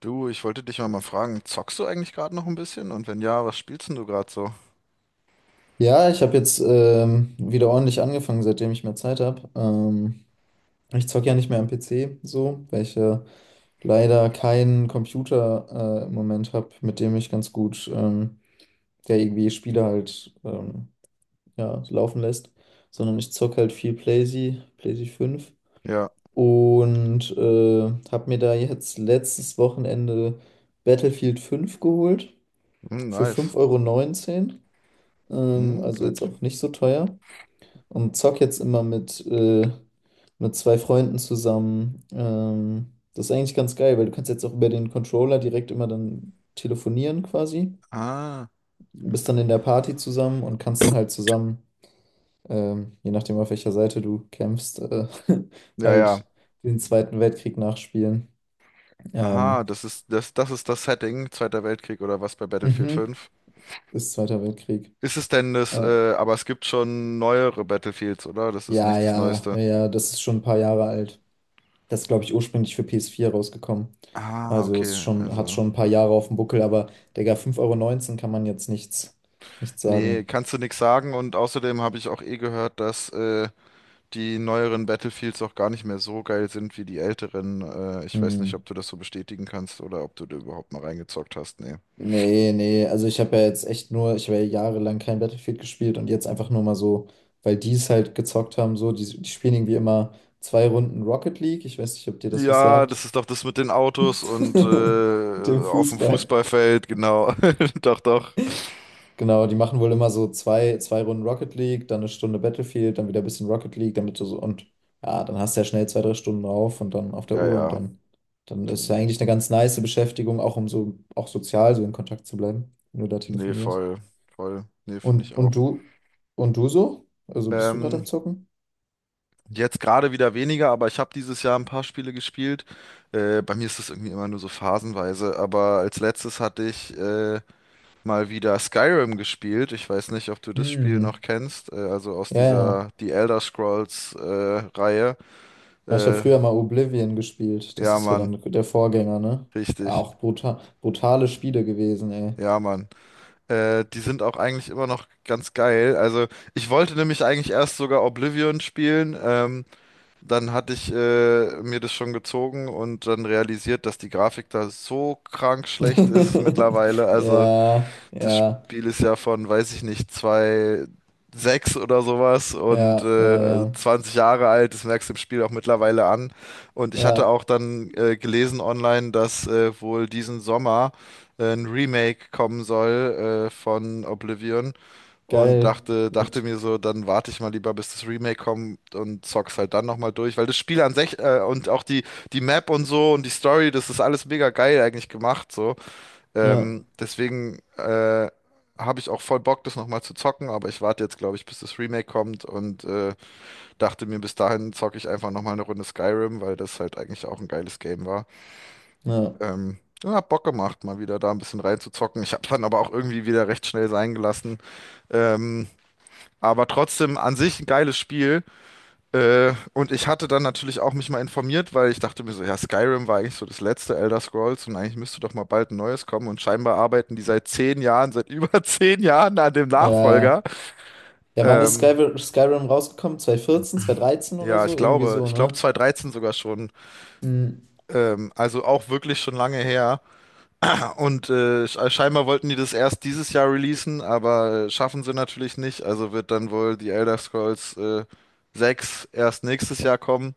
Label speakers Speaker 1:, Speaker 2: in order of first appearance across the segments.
Speaker 1: Du, ich wollte dich mal fragen, zockst du eigentlich gerade noch ein bisschen? Und wenn ja, was spielst denn du gerade so?
Speaker 2: Ja, ich habe jetzt wieder ordentlich angefangen, seitdem ich mehr Zeit habe. Ich zocke ja nicht mehr am PC so, weil ich leider keinen Computer im Moment habe, mit dem ich ganz gut ja, irgendwie Spiele halt ja, laufen lässt, sondern ich zocke halt viel PlayZ 5
Speaker 1: Ja,
Speaker 2: und habe mir da jetzt letztes Wochenende Battlefield 5 geholt
Speaker 1: hm,
Speaker 2: für
Speaker 1: nice.
Speaker 2: fünf Euro neunzehn.
Speaker 1: Hm,
Speaker 2: Also jetzt
Speaker 1: nett.
Speaker 2: auch nicht so teuer. Und zock jetzt immer mit zwei Freunden zusammen. Das ist eigentlich ganz geil, weil du kannst jetzt auch über den Controller direkt immer dann telefonieren quasi.
Speaker 1: Ah,
Speaker 2: Du bist dann in der Party zusammen und kannst dann halt zusammen, je nachdem auf welcher Seite du kämpfst,
Speaker 1: ja, ja.
Speaker 2: halt den Zweiten Weltkrieg nachspielen. Ähm,
Speaker 1: Aha, das ist das Setting, Zweiter Weltkrieg oder was bei Battlefield
Speaker 2: mhm,
Speaker 1: fünf?
Speaker 2: ist Zweiter Weltkrieg.
Speaker 1: Ist es denn das,
Speaker 2: Äh,
Speaker 1: aber es gibt schon neuere Battlefields, oder? Das ist
Speaker 2: ja,
Speaker 1: nicht das
Speaker 2: ja, ja,
Speaker 1: Neueste.
Speaker 2: ja, das ist schon ein paar Jahre alt. Das ist, glaube ich, ursprünglich für PS4 rausgekommen.
Speaker 1: Ah,
Speaker 2: Also es
Speaker 1: okay,
Speaker 2: ist schon, hat
Speaker 1: also.
Speaker 2: schon ein paar Jahre auf dem Buckel, aber Digga, 5,19 € kann man jetzt nichts
Speaker 1: Nee,
Speaker 2: sagen.
Speaker 1: kannst du nichts sagen und außerdem habe ich auch eh gehört, dass die neueren Battlefields auch gar nicht mehr so geil sind wie die älteren. Ich weiß nicht,
Speaker 2: Hm.
Speaker 1: ob du das so bestätigen kannst oder ob du da überhaupt mal reingezockt hast. Nee.
Speaker 2: Nee, nee, also ich habe ja jahrelang kein Battlefield gespielt und jetzt einfach nur mal so, weil die es halt gezockt haben, so, die spielen irgendwie immer zwei Runden Rocket League. Ich weiß nicht, ob dir das was
Speaker 1: Ja,
Speaker 2: sagt.
Speaker 1: das ist doch das mit den Autos und
Speaker 2: Mit dem
Speaker 1: auf dem
Speaker 2: Fußball.
Speaker 1: Fußballfeld, genau. Doch, doch.
Speaker 2: Genau, die machen wohl immer so zwei Runden Rocket League, dann eine Stunde Battlefield, dann wieder ein bisschen Rocket League, damit du so, und ja, dann hast du ja schnell zwei, drei Stunden drauf und dann auf der
Speaker 1: Ja,
Speaker 2: Uhr, und
Speaker 1: ja.
Speaker 2: dann ist ja
Speaker 1: Dann-
Speaker 2: eigentlich eine ganz nice Beschäftigung, auch um so auch sozial so in Kontakt zu bleiben, wenn du da
Speaker 1: Nee,
Speaker 2: telefonierst.
Speaker 1: voll. Voll. Nee, finde
Speaker 2: Und,
Speaker 1: ich auch.
Speaker 2: und du, und du so? Also bist du gerade am
Speaker 1: Ähm,
Speaker 2: Zocken?
Speaker 1: jetzt gerade wieder weniger, aber ich habe dieses Jahr ein paar Spiele gespielt. Bei mir ist das irgendwie immer nur so phasenweise, aber als letztes hatte ich mal wieder Skyrim gespielt. Ich weiß nicht, ob du das Spiel noch
Speaker 2: Hm,
Speaker 1: kennst. Also aus
Speaker 2: ja, ja.
Speaker 1: dieser die Elder Scrolls Reihe.
Speaker 2: Ja, ich habe
Speaker 1: Äh,
Speaker 2: früher mal Oblivion gespielt. Das
Speaker 1: ja,
Speaker 2: ist ja
Speaker 1: Mann,
Speaker 2: dann der Vorgänger, ne?
Speaker 1: richtig.
Speaker 2: Auch brutal, brutale Spiele gewesen, ey.
Speaker 1: Ja, Mann. Die sind auch eigentlich immer noch ganz geil. Also ich wollte nämlich eigentlich erst sogar Oblivion spielen. Dann hatte ich mir das schon gezogen und dann realisiert, dass die Grafik da so krank schlecht ist mittlerweile. Also
Speaker 2: Ja,
Speaker 1: das
Speaker 2: ja.
Speaker 1: Spiel ist ja von, weiß ich nicht, zwei sechs oder sowas und
Speaker 2: Ja, ja, ja.
Speaker 1: 20 Jahre alt, das merkst du im Spiel auch mittlerweile an. Und ich hatte
Speaker 2: Ja,
Speaker 1: auch dann gelesen online, dass wohl diesen Sommer ein Remake kommen soll von Oblivion und
Speaker 2: geil.
Speaker 1: dachte
Speaker 2: Mit.
Speaker 1: mir so, dann warte ich mal lieber, bis das Remake kommt und zock's halt dann nochmal durch, weil das Spiel an sich und auch die Map und so und die Story, das ist alles mega geil eigentlich gemacht, so.
Speaker 2: Ja,
Speaker 1: Deswegen habe ich auch voll Bock, das nochmal zu zocken, aber ich warte jetzt, glaube ich, bis das Remake kommt und dachte mir, bis dahin zocke ich einfach nochmal eine Runde Skyrim, weil das halt eigentlich auch ein geiles Game war.
Speaker 2: ja.
Speaker 1: Ja, hab Bock gemacht, mal wieder da ein bisschen reinzuzocken. Ich habe dann aber auch irgendwie wieder recht schnell sein gelassen. Ähm, aber trotzdem an sich ein geiles Spiel. Und ich hatte dann natürlich auch mich mal informiert, weil ich dachte mir so, ja, Skyrim war eigentlich so das letzte Elder Scrolls und eigentlich müsste doch mal bald ein neues kommen und scheinbar arbeiten die seit 10 Jahren, seit über 10 Jahren an dem Nachfolger.
Speaker 2: Ja, ja, wann ist
Speaker 1: Ähm,
Speaker 2: Skyrim rausgekommen? 2014, dreizehn oder
Speaker 1: ja,
Speaker 2: so?
Speaker 1: ich
Speaker 2: Irgendwie
Speaker 1: glaube,
Speaker 2: so,
Speaker 1: ich glaube
Speaker 2: ne?
Speaker 1: 2013 sogar schon.
Speaker 2: Mhm.
Speaker 1: Also auch wirklich schon lange her. Ja, und scheinbar wollten die das erst dieses Jahr releasen, aber schaffen sie natürlich nicht. Also wird dann wohl die Elder Scrolls 6 erst nächstes Jahr kommen.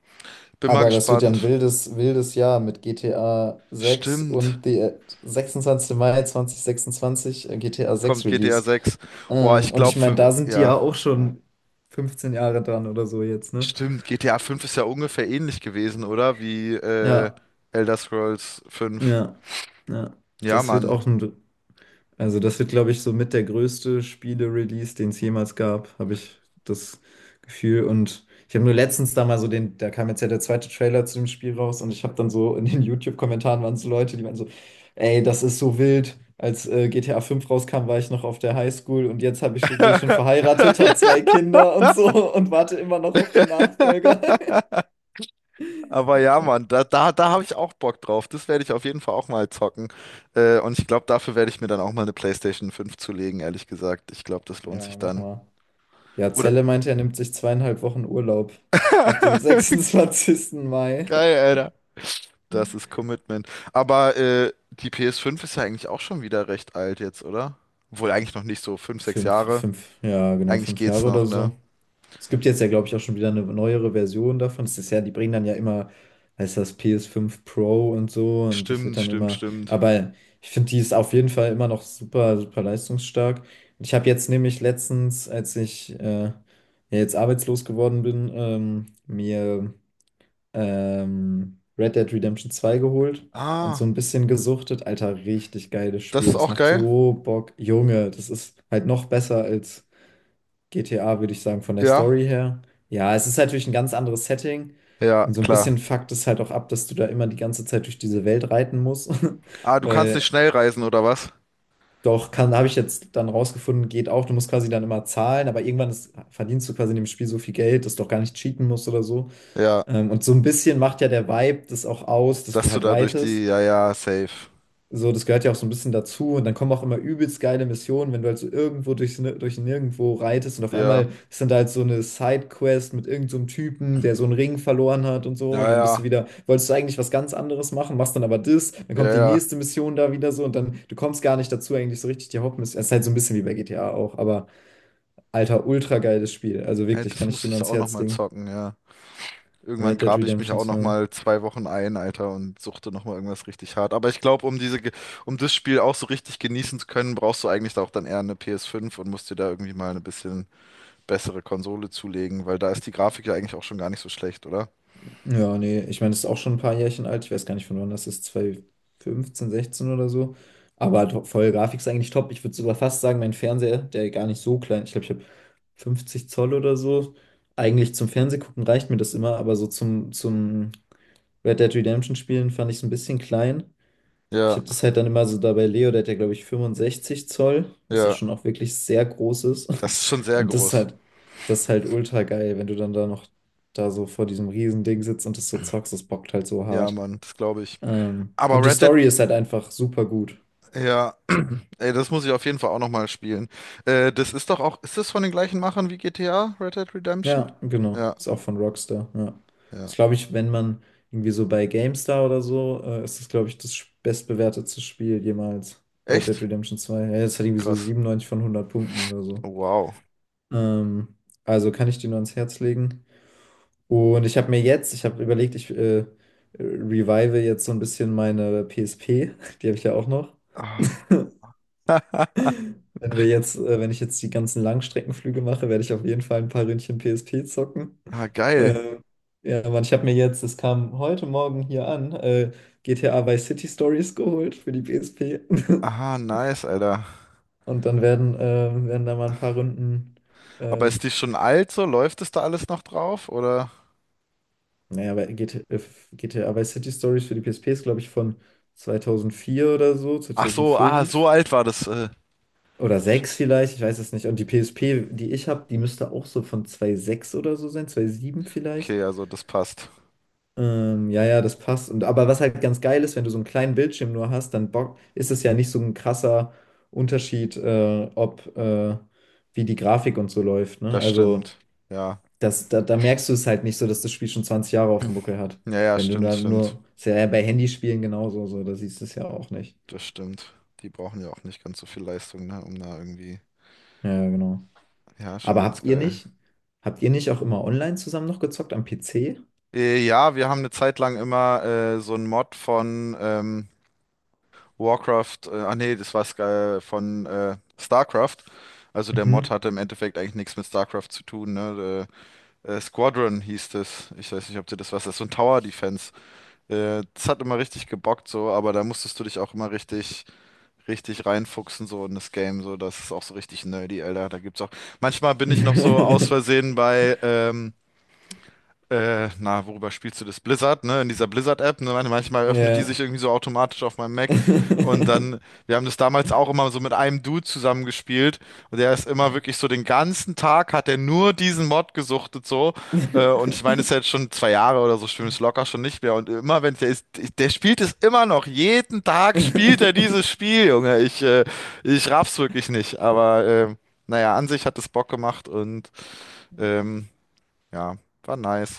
Speaker 1: Bin mal
Speaker 2: Aber das wird ja ein
Speaker 1: gespannt.
Speaker 2: wildes, wildes Jahr mit GTA sechs,
Speaker 1: Stimmt.
Speaker 2: und die 26. Mai 2026, GTA 6
Speaker 1: Kommt GTA
Speaker 2: Release.
Speaker 1: sechs. Boah, ich
Speaker 2: Und ich
Speaker 1: glaube,
Speaker 2: meine,
Speaker 1: für,
Speaker 2: da sind die ja
Speaker 1: ja,
Speaker 2: auch schon 15 Jahre dran oder so jetzt, ne?
Speaker 1: stimmt, GTA fünf ist ja ungefähr ähnlich gewesen, oder? Wie
Speaker 2: Ja,
Speaker 1: Elder Scrolls 5.
Speaker 2: ja, ja.
Speaker 1: Ja,
Speaker 2: Das wird
Speaker 1: Mann.
Speaker 2: auch ein Also das wird, glaube ich, so mit der größte Spiele-Release, den es jemals gab, habe ich das Gefühl. Und ich habe nur letztens da mal so da kam jetzt ja der zweite Trailer zu dem Spiel raus, und ich habe dann so in den YouTube-Kommentaren waren so Leute, die meinten so: ey, das ist so wild. Als GTA 5 rauskam, war ich noch auf der Highschool, und jetzt bin ich schon verheiratet, habe zwei Kinder und so, und warte immer noch auf den Nachfolger.
Speaker 1: Aber ja, Mann, da habe ich auch Bock drauf. Das werde ich auf jeden Fall auch mal zocken. Und ich glaube, dafür werde ich mir dann auch mal eine PlayStation fünf zulegen, ehrlich gesagt. Ich glaube, das lohnt
Speaker 2: Ja,
Speaker 1: sich
Speaker 2: mach
Speaker 1: dann.
Speaker 2: mal. Ja,
Speaker 1: Oder?
Speaker 2: Zelle meinte, er nimmt sich 2,5 Wochen Urlaub ab dem 26. Mai.
Speaker 1: Geil, Alter. Das ist Commitment. Aber die PS fünf ist ja eigentlich auch schon wieder recht alt jetzt, oder? Obwohl eigentlich noch nicht so fünf, sechs
Speaker 2: Fünf,
Speaker 1: Jahre.
Speaker 2: fünf, ja, genau,
Speaker 1: Eigentlich
Speaker 2: fünf
Speaker 1: geht's
Speaker 2: Jahre oder
Speaker 1: noch, ne?
Speaker 2: so. Es gibt jetzt ja, glaube ich, auch schon wieder eine neuere Version davon. Es ist ja, die bringen dann ja immer, heißt das PS5 Pro und so, und das wird
Speaker 1: Stimmt,
Speaker 2: dann
Speaker 1: stimmt,
Speaker 2: immer.
Speaker 1: stimmt.
Speaker 2: Aber ich finde, die ist auf jeden Fall immer noch super, super leistungsstark. Und ich habe jetzt nämlich letztens, als ich ja, jetzt arbeitslos geworden bin, mir Red Dead Redemption zwei geholt und so
Speaker 1: Ah,
Speaker 2: ein bisschen gesuchtet. Alter, richtig geiles
Speaker 1: das
Speaker 2: Spiel.
Speaker 1: ist
Speaker 2: Das
Speaker 1: auch
Speaker 2: macht
Speaker 1: geil.
Speaker 2: so Bock. Junge, das ist halt noch besser als GTA, würde ich sagen, von der
Speaker 1: Ja,
Speaker 2: Story her. Ja, es ist natürlich ein ganz anderes Setting.
Speaker 1: ja,
Speaker 2: Und so ein
Speaker 1: klar.
Speaker 2: bisschen fuckt es halt auch ab, dass du da immer die ganze Zeit durch diese Welt reiten musst.
Speaker 1: Ah, du kannst nicht
Speaker 2: Weil
Speaker 1: schnell reisen oder was?
Speaker 2: doch, kann, habe ich jetzt dann rausgefunden, geht auch. Du musst quasi dann immer zahlen, aber irgendwann ist, verdienst du quasi in dem Spiel so viel Geld, dass du auch gar nicht cheaten musst oder so.
Speaker 1: Ja,
Speaker 2: Und so ein bisschen macht ja der Vibe das auch aus, dass du
Speaker 1: dass du
Speaker 2: halt
Speaker 1: da durch
Speaker 2: reitest.
Speaker 1: die, ja, ja, safe.
Speaker 2: So, das gehört ja auch so ein bisschen dazu. Und dann kommen auch immer übelst geile Missionen, wenn du halt so irgendwo durch Nirgendwo reitest und auf
Speaker 1: Ja,
Speaker 2: einmal ist dann da halt so eine Sidequest mit irgendeinem so einem Typen, der so einen Ring verloren hat und
Speaker 1: ja,
Speaker 2: so. Und dann bist du
Speaker 1: ja,
Speaker 2: wieder, wolltest du eigentlich was ganz anderes machen, machst dann aber das, dann
Speaker 1: ja,
Speaker 2: kommt die
Speaker 1: ja.
Speaker 2: nächste Mission da wieder so, und dann, du kommst gar nicht dazu, eigentlich so richtig die Hauptmission. Es ist halt so ein bisschen wie bei GTA auch, aber Alter, ultra geiles Spiel. Also
Speaker 1: Hey,
Speaker 2: wirklich,
Speaker 1: das
Speaker 2: kann ich
Speaker 1: muss
Speaker 2: dir nur
Speaker 1: ich
Speaker 2: ans
Speaker 1: auch noch
Speaker 2: Herz
Speaker 1: mal
Speaker 2: legen.
Speaker 1: zocken, ja.
Speaker 2: Red
Speaker 1: Irgendwann
Speaker 2: Dead
Speaker 1: grabe ich mich
Speaker 2: Redemption
Speaker 1: auch noch
Speaker 2: 2.
Speaker 1: mal 2 Wochen ein, Alter, und suchte noch mal irgendwas richtig hart. Aber ich glaube, um das Spiel auch so richtig genießen zu können, brauchst du eigentlich auch dann eher eine PS5 und musst dir da irgendwie mal eine bisschen bessere Konsole zulegen, weil da ist die Grafik ja eigentlich auch schon gar nicht so schlecht, oder?
Speaker 2: Ja, nee, ich meine, das ist auch schon ein paar Jährchen alt. Ich weiß gar nicht, von wann das ist, zwanzig fünfzehn sechzehn oder so. Aber halt voll, Grafik ist eigentlich top. Ich würde sogar fast sagen, mein Fernseher, der gar nicht so klein, ich glaube, ich habe 50 Zoll oder so. Eigentlich zum Fernsehgucken reicht mir das immer, aber so zum Red Dead Redemption Spielen fand ich es ein bisschen klein. Ich
Speaker 1: Ja,
Speaker 2: habe das halt dann immer so dabei, Leo, der hat ja, glaube ich, 65 Zoll, was ja
Speaker 1: ja,
Speaker 2: schon auch wirklich sehr groß ist.
Speaker 1: das ist schon sehr
Speaker 2: Und das ist
Speaker 1: groß.
Speaker 2: halt, das ist halt ultra geil, wenn du dann da noch da so vor diesem riesen Ding sitzt und das so zockst, das bockt halt so
Speaker 1: Ja,
Speaker 2: hart.
Speaker 1: Mann, das glaube ich. Aber
Speaker 2: Und die
Speaker 1: Red Dead,
Speaker 2: Story ist halt einfach super gut.
Speaker 1: ja, ey, das muss ich auf jeden Fall auch noch mal spielen. Das ist doch auch, ist das von den gleichen Machern wie GTA, Red Dead Redemption?
Speaker 2: Ja, genau.
Speaker 1: Ja,
Speaker 2: Ist auch von Rockstar, ja.
Speaker 1: ja.
Speaker 2: Ist, glaube ich, wenn man irgendwie so bei GameStar oder so, ist das, glaube ich, das bestbewertetste Spiel jemals. Red Dead
Speaker 1: Echt?
Speaker 2: Redemption zwei. Ja, das hat irgendwie so
Speaker 1: Krass.
Speaker 2: 97 von 100 Punkten oder so.
Speaker 1: Wow.
Speaker 2: Ähm, also kann ich dir nur ans Herz legen. Und ich habe überlegt, ich revive jetzt so ein bisschen meine PSP. Die habe ich ja auch noch.
Speaker 1: Ah,
Speaker 2: Wenn ich jetzt die ganzen Langstreckenflüge mache, werde ich auf jeden Fall ein paar Ründchen PSP zocken.
Speaker 1: ah, geil.
Speaker 2: Äh, ja, Mann, ich habe mir jetzt, es kam heute Morgen hier an, GTA Vice City Stories geholt für die PSP.
Speaker 1: Aha, nice, Alter.
Speaker 2: Und dann werden da mal ein paar Runden.
Speaker 1: Aber ist
Speaker 2: ähm,
Speaker 1: die schon alt so? Läuft es da alles noch drauf? Oder?
Speaker 2: Naja, weil GT äh, GTA Vice City Stories für die PSP ist, glaube ich, von 2004 oder so,
Speaker 1: Ach so, ah, so
Speaker 2: 2005
Speaker 1: alt war das.
Speaker 2: oder
Speaker 1: Sch-
Speaker 2: 6 vielleicht, ich weiß es nicht. Und die PSP, die ich habe, die müsste auch so von 2006 oder so sein, 2007 vielleicht.
Speaker 1: Okay, also das passt.
Speaker 2: Ja, ja, das passt. Aber was halt ganz geil ist, wenn du so einen kleinen Bildschirm nur hast, dann bock, ist es ja nicht so ein krasser Unterschied, ob wie die Grafik und so läuft, ne?
Speaker 1: Das
Speaker 2: Also.
Speaker 1: stimmt. Ja.
Speaker 2: Da merkst du es halt nicht so, dass das Spiel schon 20 Jahre auf dem Buckel hat.
Speaker 1: Ja, ja,
Speaker 2: Wenn du
Speaker 1: stimmt,
Speaker 2: da
Speaker 1: stimmt.
Speaker 2: nur, ist ja bei Handyspielen genauso, so, da siehst du es ja auch nicht.
Speaker 1: Das stimmt. Die brauchen ja auch nicht ganz so viel Leistung, ne? Um da irgendwie.
Speaker 2: Ja, ja, genau.
Speaker 1: Ja, schon
Speaker 2: Aber habt
Speaker 1: ganz
Speaker 2: ihr
Speaker 1: geil.
Speaker 2: nicht, habt ihr nicht auch immer online zusammen noch gezockt am PC?
Speaker 1: Ja, wir haben eine Zeit lang immer so einen Mod von Warcraft, ah nee, das war Sky von StarCraft. Also der Mod
Speaker 2: Mhm.
Speaker 1: hatte im Endeffekt eigentlich nichts mit StarCraft zu tun, ne? Squadron hieß das. Ich weiß nicht, ob dir das was ist. So ein Tower Defense. Das hat immer richtig gebockt so, aber da musstest du dich auch immer richtig, richtig reinfuchsen so in das Game. So, das ist auch so richtig nerdy, Alter. Da gibt's auch. Manchmal bin ich noch so aus Versehen bei na, worüber spielst du das? Blizzard, ne? In dieser Blizzard-App, ne? Manchmal öffnet die
Speaker 2: Ja.
Speaker 1: sich irgendwie so automatisch auf meinem Mac. Und dann, wir haben das damals auch immer so mit einem Dude zusammengespielt. Und der ist immer wirklich so den ganzen Tag hat er nur diesen Mod gesuchtet so. Und ich meine, es ist ja jetzt schon 2 Jahre oder so, stimmt es locker schon nicht mehr. Und immer, wenn der ist, der spielt es immer noch. Jeden Tag spielt er dieses Spiel, Junge. Ich raff's wirklich nicht. Aber, naja, an sich hat es Bock gemacht und, ähm, ja, war nice.